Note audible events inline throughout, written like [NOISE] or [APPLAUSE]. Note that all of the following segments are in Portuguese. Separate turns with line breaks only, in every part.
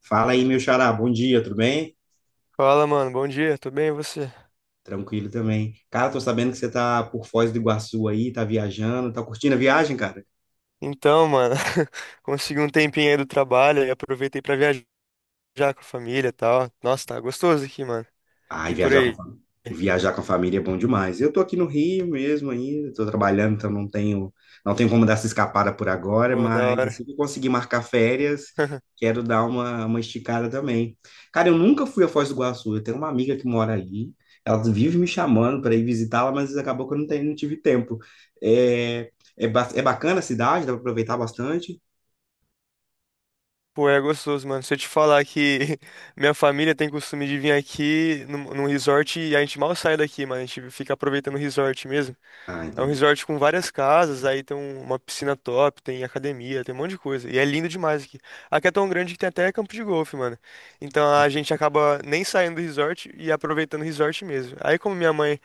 Fala aí, meu xará, bom dia, tudo bem?
Fala, mano. Bom dia. Tudo bem, e você?
Tranquilo também. Cara, tô sabendo que você tá por Foz do Iguaçu aí, tá viajando, tá curtindo a viagem, cara?
Então, mano, [LAUGHS] consegui um tempinho aí do trabalho e aproveitei pra viajar com a família e tal. Nossa, tá gostoso aqui, mano.
Ai,
E por aí?
viajar com a família é bom demais. Eu tô aqui no Rio mesmo ainda, tô trabalhando, então não tenho como dar essa escapada por agora,
Pô, da
mas
hora.
assim que eu conseguir marcar férias,
[LAUGHS]
quero dar uma esticada também. Cara, eu nunca fui a Foz do Iguaçu, eu tenho uma amiga que mora ali, ela vive me chamando para ir visitá-la, mas acabou que eu não, tenho, não tive tempo. É, É bacana a cidade, dá para aproveitar bastante.
Pô, é gostoso, mano. Se eu te falar que [LAUGHS] minha família tem costume de vir aqui num resort e a gente mal sai daqui, mano. A gente fica aproveitando o resort mesmo.
Ah,
É um
entendi.
resort com várias casas, aí tem uma piscina top, tem academia, tem um monte de coisa. E é lindo demais aqui. Aqui é tão grande que tem até campo de golfe, mano. Então a gente acaba nem saindo do resort e aproveitando o resort mesmo. Aí como minha mãe,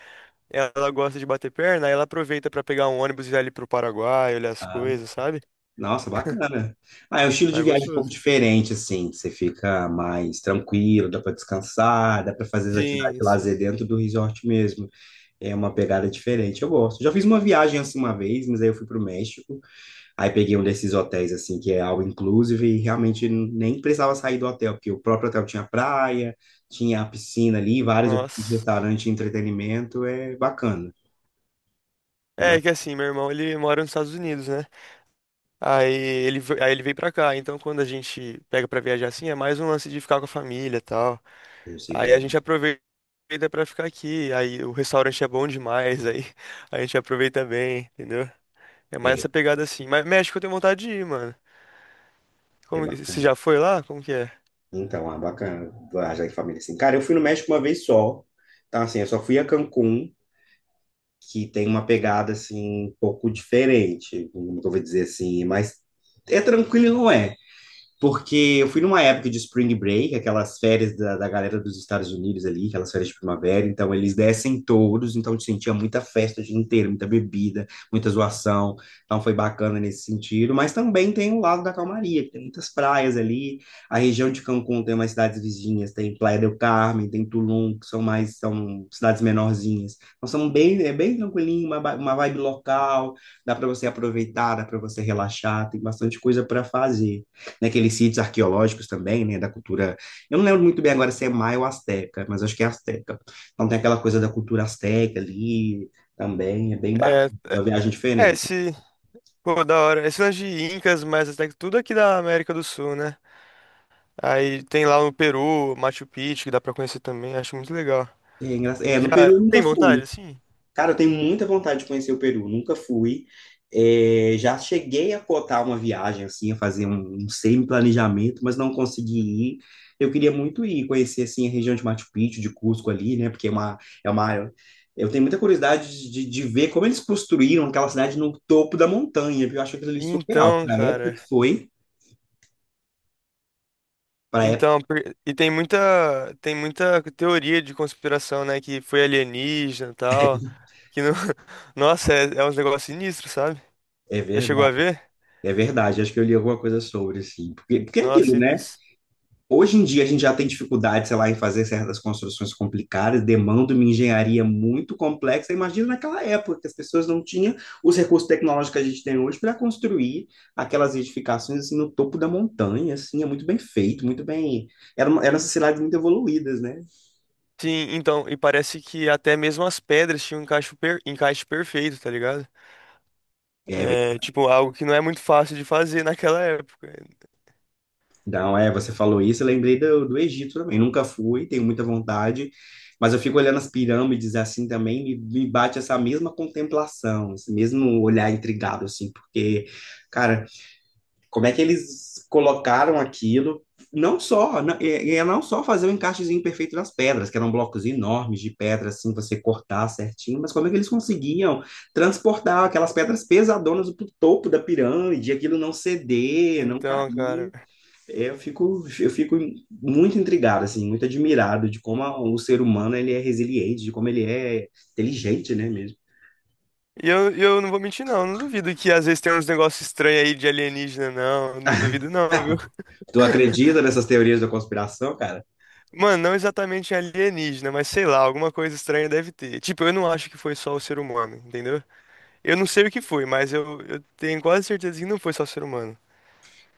ela gosta de bater perna, aí ela aproveita pra pegar um ônibus e ir ali pro Paraguai, olhar as coisas, sabe?
Nossa, bacana. Ah, é um estilo
Mas
de
é
viagem um pouco
gostoso.
diferente, assim. Você fica mais tranquilo, dá para descansar, dá para fazer as atividades
Sim,
de
sim.
lazer dentro do resort mesmo. É uma pegada diferente. Eu gosto. Já fiz uma viagem assim uma vez, mas aí eu fui para o México. Aí peguei um desses hotéis, assim, que é all inclusive, e realmente nem precisava sair do hotel, porque o próprio hotel tinha praia, tinha a piscina ali, vários
Nossa.
restaurantes de entretenimento. É bacana. É
É
bacana.
que assim, meu irmão, ele mora nos Estados Unidos, né? Aí ele veio pra cá. Então quando a gente pega pra viajar assim, é mais um lance de ficar com a família e tal.
Eu sei
Aí a
como é.
gente aproveita pra ficar aqui. Aí o restaurante é bom demais. Aí [LAUGHS] a gente aproveita bem, entendeu? É mais
É,
essa pegada assim. Mas México eu tenho vontade de ir, mano.
é
Como, você
bacana.
já foi lá? Como que é?
Então, ah, bacana viajar em família assim. Cara, eu fui no México uma vez só. Então, assim, eu só fui a Cancún, que tem uma pegada assim um pouco diferente, como eu vou dizer assim, mas é tranquilo, não é? Porque eu fui numa época de Spring Break, aquelas férias da galera dos Estados Unidos ali, aquelas férias de primavera, então eles descem todos, então eu sentia muita festa o dia inteiro, muita bebida, muita zoação, então foi bacana nesse sentido, mas também tem o lado da calmaria, que tem muitas praias ali, a região de Cancún tem umas cidades vizinhas, tem Playa del Carmen, tem Tulum, que são mais, são cidades menorzinhas, então são bem, é bem tranquilinho, uma vibe local, dá para você aproveitar, dá para você relaxar, tem bastante coisa para fazer naqueles sítios arqueológicos também, né, da cultura. Eu não lembro muito bem agora se é maia ou asteca, mas acho que é asteca. Então tem aquela coisa da cultura asteca ali também, é bem
É,
bacana, uma viagem
é, é,
diferente.
esse. Pô, da hora. Esse lance de Incas, mas até que tudo aqui da América do Sul, né? Aí tem lá no Peru, Machu Picchu, que dá pra conhecer também. Acho muito legal.
É no Peru
Já
eu nunca
tem vontade,
fui.
assim?
Cara, eu tenho muita vontade de conhecer o Peru, nunca fui. É, já cheguei a cotar uma viagem, assim, a fazer um semi-planejamento, mas não consegui ir. Eu queria muito ir conhecer, assim, a região de Machu Picchu, de Cusco ali, né? Porque é uma... Eu tenho muita curiosidade de ver como eles construíram aquela cidade no topo da montanha, porque eu acho aquilo ali surreal.
Então,
Para a época que
cara.
foi, para a época...
Então, por- e tem muita teoria de conspiração, né? Que foi alienígena e tal. Que não... [LAUGHS] Nossa, é, é uns negócios sinistros, sabe?
É
Já chegou a
verdade,
ver?
é verdade. Acho que eu li alguma coisa sobre, assim. Porque é
Nossa,
aquilo, né?
sinistro.
Hoje em dia a gente já tem dificuldade, sei lá, em fazer certas construções complicadas, demanda uma engenharia muito complexa. Imagina naquela época que as pessoas não tinham os recursos tecnológicos que a gente tem hoje para construir aquelas edificações assim no topo da montanha, assim, é muito bem feito, muito bem. Eram sociedades muito evoluídas, né?
Sim, então, e parece que até mesmo as pedras tinham um encaixe perfeito, tá ligado?
É.
É, tipo, algo que não é muito fácil de fazer naquela época.
Então, é, você falou isso, eu lembrei do Egito também. Nunca fui, tenho muita vontade, mas eu fico olhando as pirâmides assim também, me bate essa mesma contemplação, esse mesmo olhar intrigado, assim, porque, cara, como é que eles colocaram aquilo? Não só, não, é, é não só fazer o encaixezinho perfeito nas pedras, que eram blocos enormes de pedra, assim, você cortar certinho, mas como é que eles conseguiam transportar aquelas pedras pesadonas pro topo da pirâmide, aquilo não ceder, não
Então, cara.
cair? Eu fico muito intrigado, assim, muito admirado de como o ser humano ele é resiliente, de como ele é inteligente, né, mesmo.
E eu não vou mentir, não. Não duvido que às vezes tem uns negócios estranhos aí de alienígena, não. Não duvido, não.
Tu acredita nessas teorias da conspiração, cara?
Mano, não exatamente alienígena, mas sei lá, alguma coisa estranha deve ter. Tipo, eu não acho que foi só o ser humano, entendeu? Eu não sei o que foi, mas eu tenho quase certeza que não foi só o ser humano.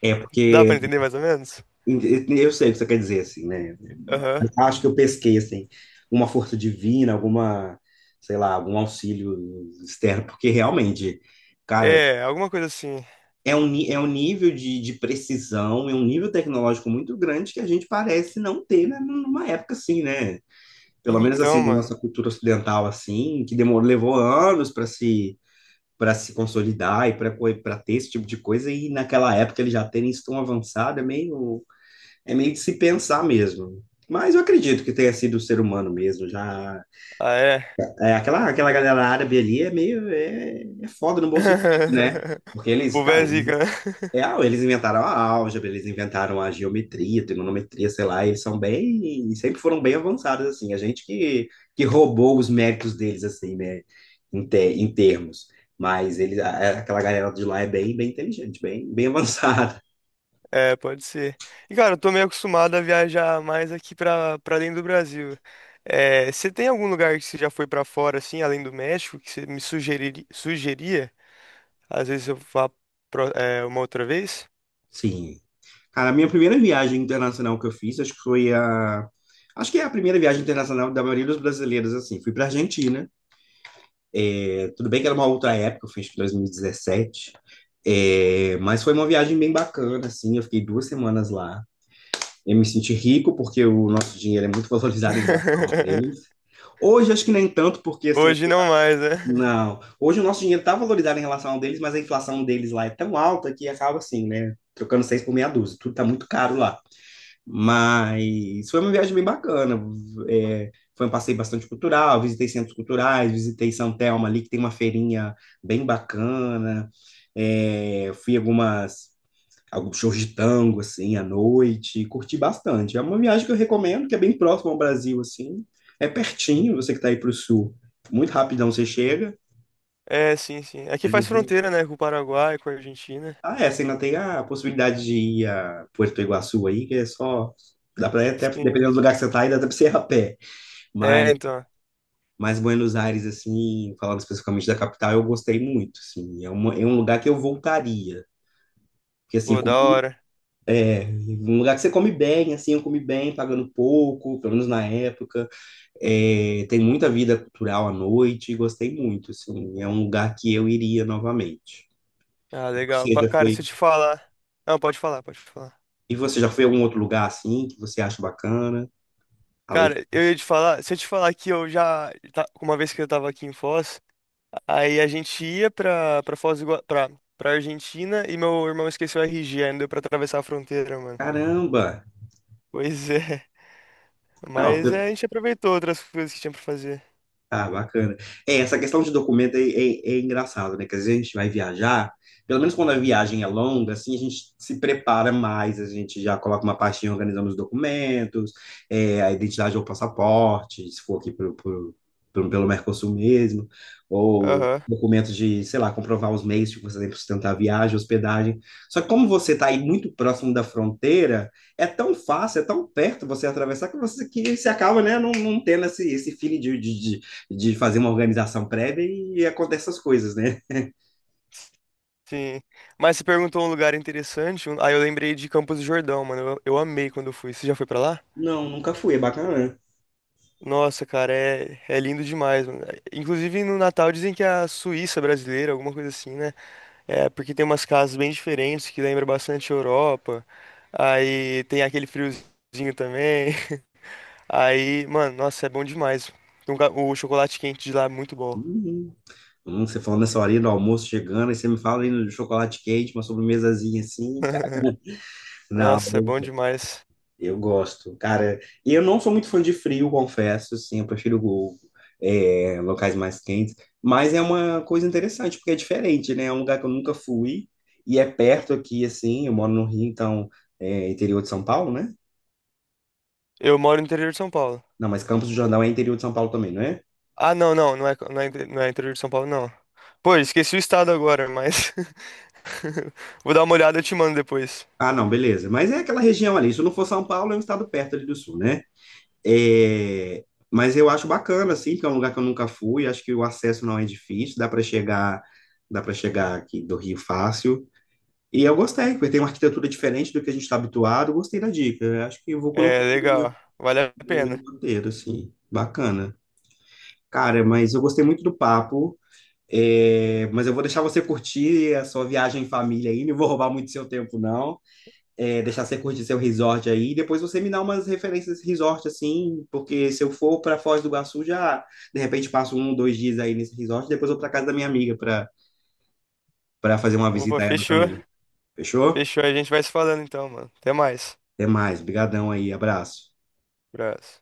É
Dá
porque
pra entender mais ou menos?
eu sei o que você quer dizer, assim, né?
Aham.
Acho que eu pesquei, assim, uma força divina, alguma, sei lá, algum auxílio externo, porque realmente, cara,
É, alguma coisa assim.
é é um nível de precisão, é um nível tecnológico muito grande que a gente parece não ter, né, numa época assim, né? Pelo menos assim
Então,
na
mano.
nossa cultura ocidental assim, que demorou, levou anos para se consolidar e para para ter esse tipo de coisa e naquela época eles já terem isso tão avançado é meio de se pensar mesmo. Mas eu acredito que tenha sido o ser humano mesmo, já
Ah, é?
é, aquela galera árabe ali é meio é foda no bom sentido, né?
[LAUGHS]
Porque
O
eles,
povo é
cara,
zica, né? [LAUGHS]
eles inventaram a álgebra, eles inventaram a geometria, trigonometria, sei lá, eles são bem, sempre foram bem avançados, assim, a gente que roubou os méritos deles, assim, né, em, te- em termos, mas eles, aquela galera de lá é bem, bem inteligente, bem [LAUGHS] avançada.
É, pode ser. E, cara, eu tô meio acostumado a viajar mais aqui pra dentro do Brasil. É, você tem algum lugar que você já foi pra fora, assim, além do México, que você me sugeria? Às vezes eu vá é, uma outra vez.
Sim. Cara, a minha primeira viagem internacional que eu fiz, acho que é a primeira viagem internacional da maioria dos brasileiros, assim, fui pra Argentina. Tudo bem que era uma outra época, eu fiz em 2017, é, mas foi uma viagem bem bacana, assim, eu fiquei duas semanas lá. Eu me senti rico porque o nosso dinheiro é muito valorizado em relação ao deles.
[LAUGHS]
Hoje acho que nem tanto, porque assim,
Hoje não mais, né?
não. Hoje o nosso dinheiro está valorizado em relação ao deles, mas a inflação deles lá é tão alta que acaba assim, né? Trocando seis por meia dúzia. Tudo está muito caro lá. Mas foi uma viagem bem bacana. É, foi um passeio bastante cultural, visitei centros culturais, visitei São Telmo ali, que tem uma feirinha bem bacana. É, fui algumas, alguns shows de tango, assim, à noite. Curti bastante. É uma viagem que eu recomendo, que é bem próxima ao Brasil, assim. É pertinho, você que está aí para o sul. Muito rapidão você chega.
É, sim, sim. Aqui
Eu não
faz
vi-
fronteira, né? Com o Paraguai, com a Argentina.
Ah, é, você ainda tem a possibilidade de ir a Puerto Iguaçu aí, que é só... Dá para até,
Sim.
dependendo do lugar que você tá aí dá para você ir a pé. Mas,
É, então.
mas Buenos Aires, assim, falando especificamente da capital, eu gostei muito, assim. É, uma, é um lugar que eu voltaria. Porque, assim,
Pô, da
comi-
hora.
Um lugar que você come bem, assim, eu comi bem, pagando pouco, pelo menos na época. É, tem muita vida cultural à noite, gostei muito, assim. É um lugar que eu iria novamente.
Ah, legal.
Você já
Cara, se
foi...
eu te falar. Não, pode falar, pode falar.
E você já foi a algum outro lugar, assim, que você acha bacana? Além de...
Cara, eu ia te falar. Se eu te falar que eu uma vez que eu tava aqui em Foz, aí a gente ia pra, pra Argentina e meu irmão esqueceu o RG, aí não deu pra atravessar a fronteira, mano.
Caramba!
Pois é.
Não.
Mas é, a gente aproveitou outras coisas que tinha pra fazer.
Ah, bacana. É, essa questão de documento é engraçado, né? Que às vezes a gente vai viajar, pelo menos quando a viagem é longa, assim, a gente se prepara mais, a gente já coloca uma pastinha organizando os documentos, é, a identidade ou passaporte, se for aqui pelo Mercosul mesmo, ou
Aham,
documentos de, sei lá, comprovar os meios que você tem para sustentar a viagem, hospedagem. Só que como você está aí muito próximo da fronteira, é tão fácil, é tão perto você atravessar que você acaba, né, não tendo esse feeling de fazer uma organização prévia e acontecem essas coisas, né?
sim. Mas você perguntou um lugar interessante. Aí eu lembrei de Campos do Jordão, mano. Eu amei quando eu fui. Você já foi pra lá?
Não, nunca fui, é bacana, né?
Nossa, cara, é, é lindo demais, mano. Inclusive no Natal dizem que é a Suíça brasileira, alguma coisa assim, né? É, porque tem umas casas bem diferentes que lembram bastante a Europa. Aí tem aquele friozinho também. [LAUGHS] Aí, mano, nossa, é bom demais. Tem o chocolate quente de lá é muito bom.
Uhum. Você falando nessa horinha do almoço chegando, aí você me fala aí no chocolate quente, uma sobremesazinha assim, cara.
[LAUGHS]
Não,
Nossa, é bom demais.
eu gosto, cara. E eu não sou muito fã de frio, confesso, assim, eu prefiro locais mais quentes. Mas é uma coisa interessante, porque é diferente, né? É um lugar que eu nunca fui e é perto aqui, assim. Eu moro no Rio, então é interior de São Paulo, né?
Eu moro no interior de São Paulo.
Não, mas Campos do Jordão é interior de São Paulo também, não é?
Ah, não, não, não é, não é, não é interior de São Paulo, não. Pô, esqueci o estado agora, mas. [LAUGHS] Vou dar uma olhada e te mando depois.
Ah, não, beleza. Mas é aquela região ali. Se não for São Paulo, é um estado perto ali do sul, né? É. Mas eu acho bacana, assim, que é um lugar que eu nunca fui. Acho que o acesso não é difícil, dá para chegar aqui do Rio fácil. E eu gostei, porque tem uma arquitetura diferente do que a gente está habituado. Gostei da dica. Eu acho que eu vou
É,
colocar
legal. Vale a
no meu
pena.
roteiro, assim. Bacana. Cara, mas eu gostei muito do papo. Mas eu vou deixar você curtir a sua viagem em família ainda. Não vou roubar muito seu tempo, não. Deixar você curtir seu resort aí, e depois você me dá umas referências de resort, assim, porque se eu for para Foz do Iguaçu, já, de repente, passo um, dois dias aí nesse resort, depois vou para casa da minha amiga para fazer uma
Opa,
visita a ela
fechou.
também. Fechou?
Fechou. A gente vai se falando então, mano. Até mais.
Até mais, brigadão aí, abraço.
Abraço.